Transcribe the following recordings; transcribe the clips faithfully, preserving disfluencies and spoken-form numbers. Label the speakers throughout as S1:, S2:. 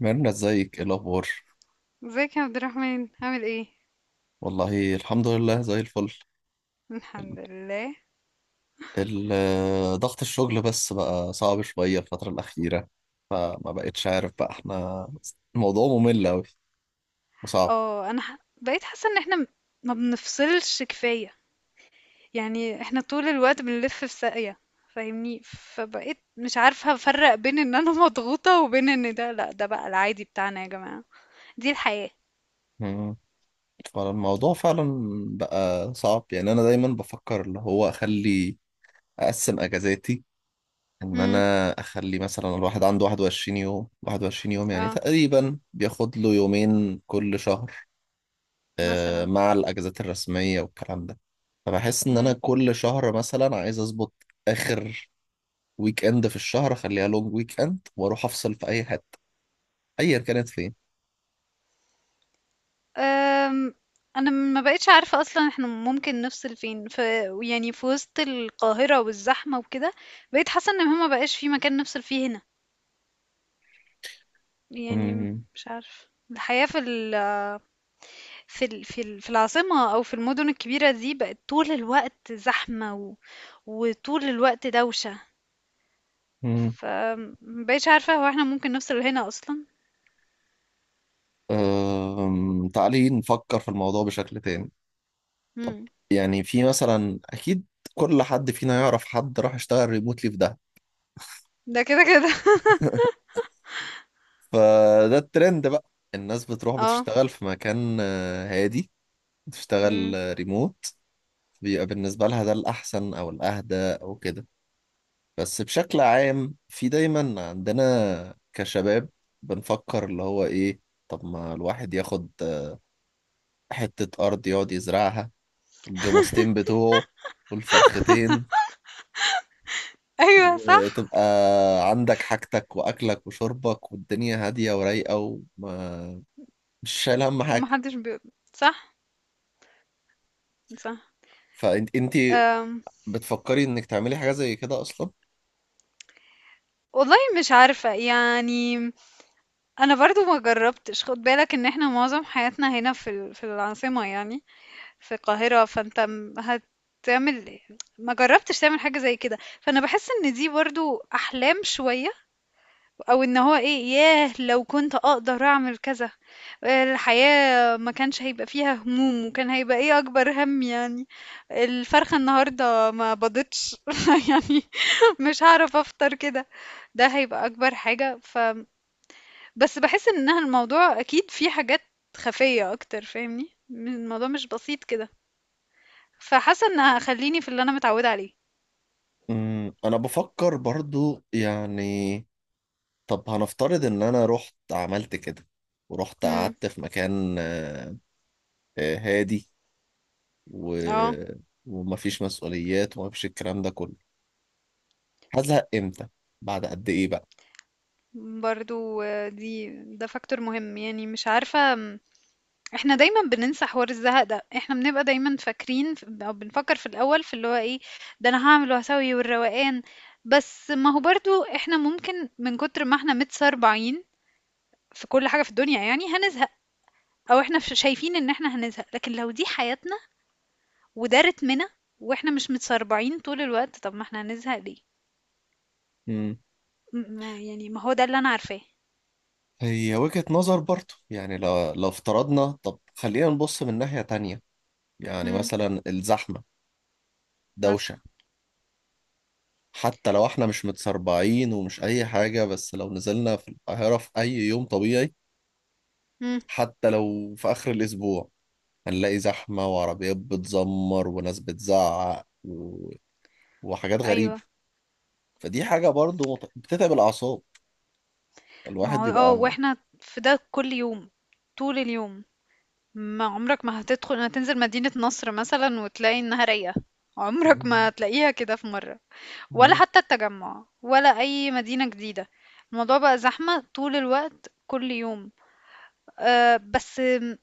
S1: ميرنا، ازيك؟ ايه الاخبار؟
S2: ازيك يا عبد الرحمن، عامل ايه؟
S1: والله الحمد لله زي الفل. ال-
S2: الحمد لله.
S1: ال- آه، ضغط الشغل بس بقى صعب شوية الفترة الأخيرة. فما بقتش عارف بقى احنا، الموضوع ممل أوي وصعب.
S2: اه، انا ح- بقيت حاسه ان احنا م- ما بنفصلش كفايه. يعني احنا طول الوقت بنلف في ساقيه، فاهمني؟ فبقيت مش عارفه افرق بين ان انا مضغوطه وبين ان ده، لا، ده بقى العادي بتاعنا يا جماعه. دي الحياه.
S1: مم. فالموضوع فعلا بقى صعب. يعني أنا دايما بفكر اللي هو أخلي، أقسم أجازاتي، إن
S2: امم.
S1: أنا أخلي مثلا الواحد عنده واحد وعشرين يوم، واحد وعشرين يوم يعني
S2: اه.
S1: تقريبا بياخد له يومين كل شهر
S2: مثلا.
S1: مع الاجازات الرسميه والكلام ده. فبحس ان انا
S2: امم.
S1: كل شهر مثلا عايز اظبط اخر ويك اند في الشهر، اخليها لونج ويك اند واروح افصل في اي حته، ايا كانت فين.
S2: أم، انا ما بقتش عارفه اصلا احنا ممكن نفصل فين في... يعني في وسط القاهره والزحمه وكده. بقيت حاسه ان هما بقاش في مكان نفصل فيه هنا يعني.
S1: أمم.
S2: مش عارف، الحياة في ال في ال في ال في العاصمة أو في المدن الكبيرة دي بقت طول الوقت زحمة و... وطول الوقت دوشة.
S1: أمم.
S2: فمبقتش عارفة، هو احنا ممكن نوصل لهنا أصلا؟
S1: أم، تعالي نفكر في الموضوع بشكل تاني. طب،
S2: مم.
S1: يعني في مثلا اكيد كل حد فينا يعرف حد راح يشتغل ريموتلي في ده.
S2: ده كده كده
S1: فده الترند بقى. الناس بتروح
S2: اه.
S1: بتشتغل في مكان آه، هادي، بتشتغل
S2: مم.
S1: آه، ريموت، بيبقى بالنسبة لها ده الأحسن أو الأهدى أو كده. بس بشكل عام في دايما عندنا كشباب بنفكر اللي هو ايه؟ طب ما الواحد ياخد حتة أرض يقعد يزرعها والجاموستين بتوعه والفرختين،
S2: أيوه، صح.
S1: وتبقى عندك حاجتك وأكلك وشربك والدنيا هادية ورايقة، وما مش شايل هم
S2: ده
S1: حاجة.
S2: محدش بي... صح. صح.
S1: فانت انتي
S2: أم.
S1: بتفكري انك تعملي حاجة زي كده أصلا؟
S2: والله مش عارفة يعني. أنا برضو ما جربتش، خد بالك إن احنا معظم حياتنا هنا في ال- في العاصمة يعني، في القاهرة. فانت م- هتعمل... ما جربتش تعمل حاجة زي كده، فانا بحس ان دي برضو احلام شوية، او ان هو ايه، ياه لو كنت اقدر اعمل كذا، الحياة ما كانش هيبقى فيها هموم، وكان هيبقى ايه اكبر هم يعني؟ الفرخة النهاردة ما بضتش يعني مش هعرف افطر كده، ده هيبقى اكبر حاجة. ف... بس بحس انها الموضوع اكيد فيه حاجات خفية اكتر، فاهمني؟ الموضوع مش بسيط كده. فحاسه ان هخليني في اللي انا متعوده عليه.
S1: أمم، أنا بفكر برضو يعني. طب هنفترض ان انا رحت عملت كده، ورحت
S2: امم.
S1: قعدت في مكان آه، آه، هادي و...
S2: اه.
S1: ومفيش مسؤوليات ومفيش الكلام ده كله. هزهق امتى؟ بعد قد ايه بقى؟
S2: برضو آه، دي... ده فاكتور مهم. يعني مش عارفه م، احنا دايما بننسى حوار الزهق ده. احنا بنبقى دايما فاكرين ف- او بنفكر في الاول في اللي هو ايه، ده انا هعمل وهسوي والروقان. بس ما هو برضو احنا ممكن من كتر ما احنا متسربعين في كل حاجه في الدنيا يعني هنزهق، او احنا ش- شايفين ان احنا هنزهق، لكن لو دي حياتنا وده رتمنا واحنا مش متسربعين طول الوقت، طب ما احنا هنزهق ليه؟
S1: مم.
S2: م- ما- يعني ما هو ده اللي انا عارفاه.
S1: هي وجهة نظر برضه. يعني لو لو افترضنا، طب خلينا نبص من ناحية تانية. يعني
S2: إمم.
S1: مثلا الزحمة،
S2: مثلًا.
S1: دوشة. حتى لو احنا مش متسربعين ومش اي حاجة، بس لو نزلنا في القاهرة في اي يوم طبيعي،
S2: إمم.
S1: حتى لو في اخر الاسبوع، هنلاقي زحمة وعربيات بتزمر وناس بتزعق و... وحاجات
S2: أيوه.
S1: غريبة. فدي حاجة برضو مت- بتتعب الأعصاب،
S2: ما
S1: الواحد
S2: هو آه،
S1: بيبقى.
S2: وإحنا في ده كل يوم، طول اليوم، ما عمرك ما هتدخل، هتنزل مدينة نصر مثلًا وتلاقي إنها رايقة، عمرك ما
S1: مم.
S2: هتلاقيها كده في مرة، ولا
S1: مم.
S2: حتى التجمّع، ولا أي مدينة جديدة، الموضوع بقى زحمة طول الوقت، كل يوم. آآ، بس م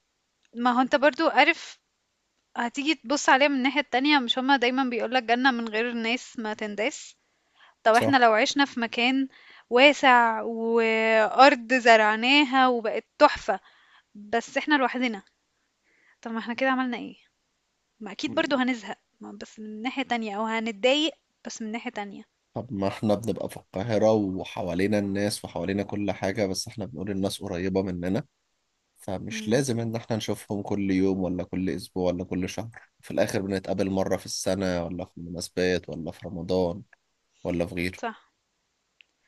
S2: ما هو أنت برضه عارف، هتيجي تبُص عليها من الناحية التانية، مش هُم دايمًا بيقولوا لك جنة من غير ناس ما تنداس؟ طب احنا
S1: صح.
S2: لو عشنا في مكان واسع وأرض زرعناها وبقت تحفة، بس احنا لوحدنا، طب ما احنا كده عملنا ايه؟ ما اكيد
S1: مم.
S2: برضو هنزهق، ما بس من ناحية تانية او هنتضايق، بس من ناحية تانية.
S1: طب ما احنا بنبقى في القاهرة وحوالينا الناس وحوالينا كل حاجة، بس احنا بنقول الناس قريبة مننا، فمش
S2: امم.
S1: لازم ان احنا نشوفهم كل يوم ولا كل اسبوع ولا كل شهر. في الاخر بنتقابل مرة في السنة، ولا في المناسبات ولا في رمضان ولا في غيره.
S2: صح.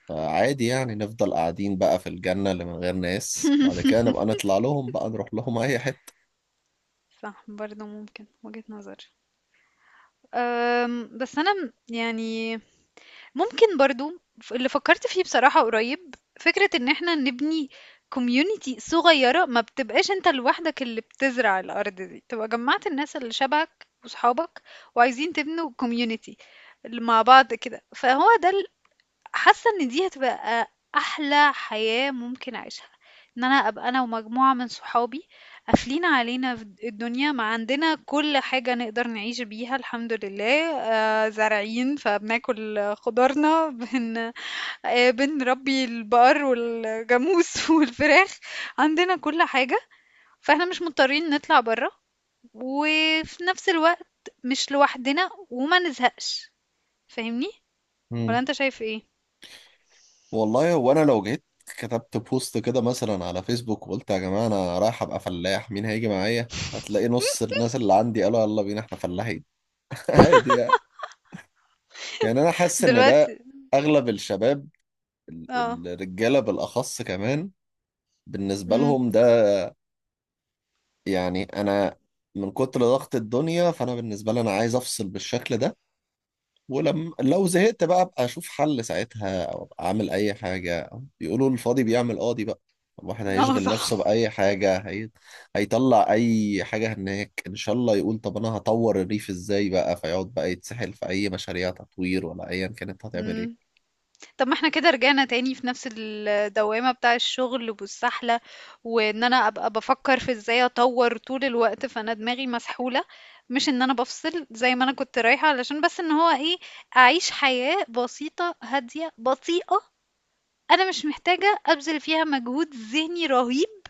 S1: فعادي يعني نفضل قاعدين بقى في الجنة اللي من غير ناس، بعد كده نبقى نطلع لهم بقى، نروح لهم أي حتة.
S2: صح، برضو ممكن وجهة نظر. أم، بس انا م- يعني، ممكن برضو، ف- اللي فكرت فيه بصراحة قريب، فكرة ان احنا نبني كوميونيتي صغيرة، ما بتبقاش انت لوحدك اللي بتزرع الارض دي، تبقى جمعت الناس اللي شبهك وصحابك وعايزين تبنوا كوميونيتي مع بعض كده، فهو ده... حاسة إن دي هتبقى أحلى حياة ممكن أعيشها، إن أنا أبقى أنا ومجموعة من صحابي قافلين علينا في الدنيا، ما عندنا كل حاجة نقدر نعيش بيها الحمد لله، آآ زارعين فبناكل خضارنا، بن آآ بنربي البقر والجاموس والفراخ، عندنا كل حاجة، فإحنا مش مضطرين نطلع برّه، وفي نفس الوقت مش لوحدنا وما نزهقش، فاهمني؟ والّا
S1: مم.
S2: أنت شايف إيه؟
S1: والله هو أنا لو جيت كتبت بوست كده مثلا على فيسبوك وقلت يا جماعة أنا رايح أبقى فلاح، مين هيجي معايا؟ هتلاقي نص الناس اللي عندي قالوا يلا بينا احنا فلاحين. عادي يعني. يعني أنا حاسس إن ده
S2: دلوقتي.
S1: أغلب الشباب،
S2: آه.
S1: ال- الرجالة بالأخص كمان، بالنسبة
S2: إمم.
S1: لهم ده يعني. أنا من كتر ضغط الدنيا، فأنا بالنسبة لي أنا عايز أفصل بالشكل ده، ولما لو زهقت بقى ابقى اشوف حل ساعتها، او ابقى اعمل اي حاجه. أو بيقولوا الفاضي بيعمل قاضي بقى، الواحد
S2: آه،
S1: هيشغل
S2: صح.
S1: نفسه باي حاجه هي... هيطلع اي حاجه هناك ان شاء الله، يقول طب انا هطور الريف ازاي بقى، فيقعد بقى يتسحل في اي مشاريع تطوير ولا ايا كانت هتعمل
S2: إمم.
S1: ايه.
S2: طب ما إحنا كده رجعنا تاني في نفس الدوّامة بتاع الشغل والسحلة، وإن أنا أبقى بافكّر في إزاي أطوّر طول الوقت، فأنا دماغي مسحولة، مش إن أنا بافصل زي ما أنا كنت رايحة، علشان بس إن هو إيه، أعيش حياة بسيطة، هادية، بطيئة، أنا مش محتاجة أبذل فيها مجهود ذهني رهيب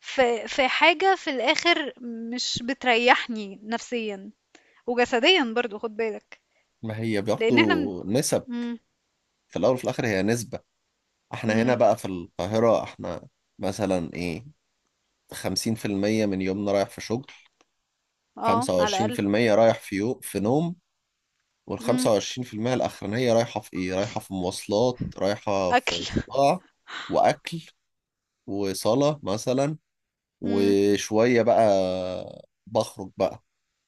S2: في في حاجة في الآخر مش بتريّحني نفسيًا وجسديًا برضه، خُد بالك،
S1: ما هي برضه
S2: لإن إحنا من...
S1: نسب،
S2: إمم.
S1: في الاول وفي الاخر هي نسبه. احنا هنا
S2: إمم.
S1: بقى في القاهره، احنا مثلا ايه، خمسين في المية من يومنا رايح في شغل،
S2: اه، على الأقل.
S1: خمسة وعشرين في المية رايح في يو... في نوم، وال
S2: امم.
S1: خمسة وعشرين في المية الأخرانية رايحة في إيه؟ رايحة في مواصلات، رايحة
S2: أكل.
S1: في صداع، وأكل، وصلاة مثلا،
S2: امم.
S1: وشوية بقى بخرج بقى.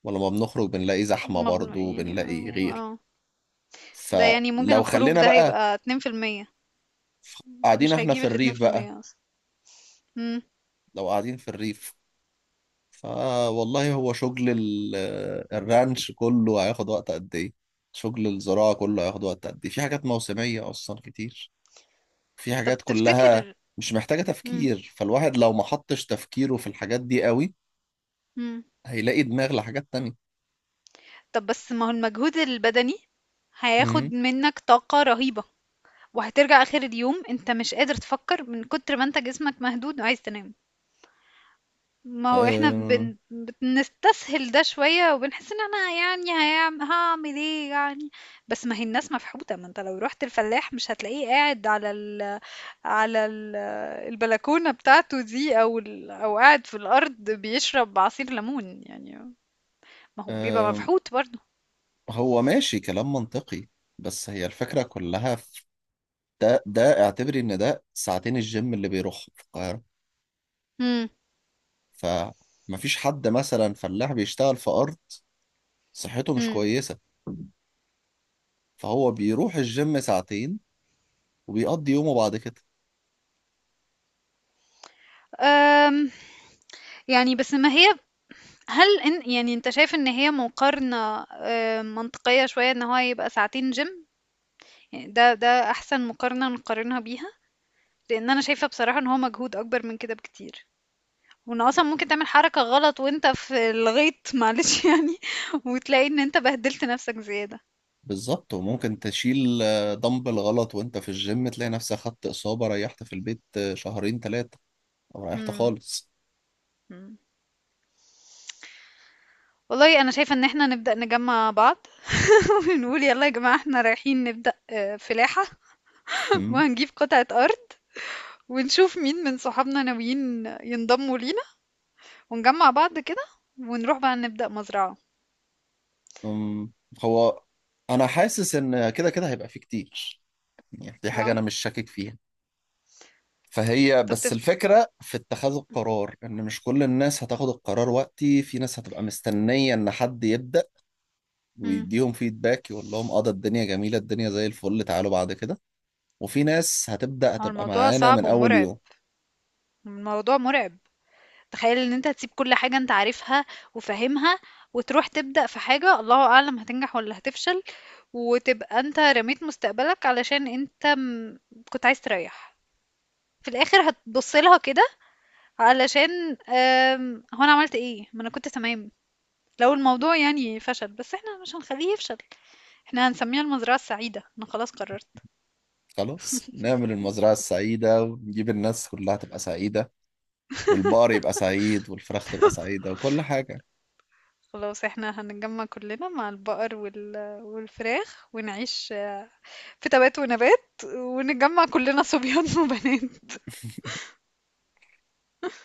S1: ولما بنخرج بنلاقي زحمة
S2: مبنو
S1: برضو،
S2: يعني
S1: بنلاقي
S2: اه،
S1: غير.
S2: آه. ده يعني ممكن
S1: فلو
S2: الخروج
S1: خلينا
S2: ده
S1: بقى
S2: هيبقى اتنين في المية،
S1: قاعدين
S2: مش
S1: إحنا
S2: هيجيب
S1: في
S2: الاتنين
S1: الريف
S2: في
S1: بقى،
S2: المية أصلا. امم.
S1: لو قاعدين في الريف، فوالله هو شغل ال- الرانش كله هياخد وقت قد إيه؟ شغل الزراعة كله هياخد وقت قد إيه؟ في حاجات موسمية أصلا كتير. في
S2: طب
S1: حاجات كلها
S2: تفتكر.
S1: مش محتاجة
S2: امم.
S1: تفكير، فالواحد لو ما حطش تفكيره في الحاجات دي قوي،
S2: امم.
S1: هيلاقي دماغ لحاجات تانية.
S2: طب، بس ما هو المجهود البدني
S1: امم.
S2: هياخد منك طاقة رهيبة، وهترجع آخر اليوم انت مش قادر تفكر من كتر ما انت جسمك مهدود وعايز تنام. ما هو احنا
S1: أم.
S2: بن... بنستسهل ده شوية وبنحس ان انا يعني هيعم... هعمل ايه يعني. بس ما هي الناس مفحوطة، ما انت لو رحت الفلاح مش هتلاقيه قاعد على ال... على ال... البلكونة بتاعته دي او ال... او قاعد في الارض بيشرب عصير ليمون يعني، ما هو بيبقى
S1: أم
S2: مفحوط برضه.
S1: هو ماشي كلام منطقي، بس هي الفكرة كلها في ده ده. اعتبري ان ده ساعتين الجيم اللي بيروحهم في القاهرة،
S2: امم.
S1: فمفيش حد مثلا فلاح بيشتغل في أرض صحته مش
S2: امم.
S1: كويسة، فهو بيروح الجيم ساعتين وبيقضي يومه بعد كده.
S2: أم، يعني بس ما هي، هل إن يعني انت شايف ان هي مقارنة أم، منطقية شوية ان هو يبقى ساعتين جيم؟ يعني ده ده احسن مقارنة نقارنها بيها؟ لان انا شايفة بصراحة ان هو مجهود اكبر من كده بكتير، وان اصلا ممكن تعمل حركة غلط وانت في الغيط معلش يعني، وتلاقي ان انت بهدلت نفسك زيادة.
S1: بالظبط، وممكن تشيل آه، دمبل غلط وانت في الجيم، تلاقي نفسك خدت إصابة، ريحت في البيت آه، شهرين ثلاثة، أو ريحت
S2: مم.
S1: خالص.
S2: مم. والله انا شايفة ان احنا نبدأ نجمع بعض ونقول يلا يا جماعة، احنا رايحين نبدأ آه، فلاحة.
S1: مم.
S2: وهنجيب قطعة ارض، ونشوف مين من صحابنا ناويين ينضموا لينا، ونجمع بعض كده، ونروح بقى نبدأ مزرعة.
S1: أم، هو أنا حاسس إن كده كده هيبقى فيه كتير، يعني دي حاجة
S2: اه.
S1: أنا مش شاكك فيها. فهي
S2: طب
S1: بس
S2: تفت
S1: الفكرة في اتخاذ القرار، إن مش كل الناس هتاخد القرار وقتي، في ناس هتبقى مستنية إن حد يبدأ
S2: مم.
S1: ويديهم فيدباك، يقول لهم اه ده الدنيا جميلة، الدنيا زي الفل، تعالوا بعد كده. وفي ناس هتبدأ
S2: هو
S1: هتبقى
S2: الموضوع
S1: معانا
S2: صعب
S1: من أول
S2: ومرعب،
S1: يوم.
S2: الموضوع مرعب. تخيل ان انت هتسيب كل حاجة انت عارفها وفاهمها، وتروح تبدأ في حاجة الله اعلم هتنجح ولا هتفشل، وتبقى انت رميت مستقبلك علشان انت م- كنت عايز تريح، في الاخر هتبص لها كده علشان آم، هو انا عملت ايه، ما انا كنت تمام. لو الموضوع يعني فشل، بس احنا مش هنخليه يفشل، احنا هنسميها المزرعة السعيدة، انا خلاص قررت.
S1: خلاص نعمل المزرعة السعيدة ونجيب الناس كلها تبقى سعيدة، والبقر يبقى سعيد والفراخ تبقى سعيدة وكل حاجة.
S2: خلاص احنا هنتجمع كلنا مع البقر وال... والفراخ ونعيش في تبات ونبات، ونتجمّع كلّنا صبيان وبنات.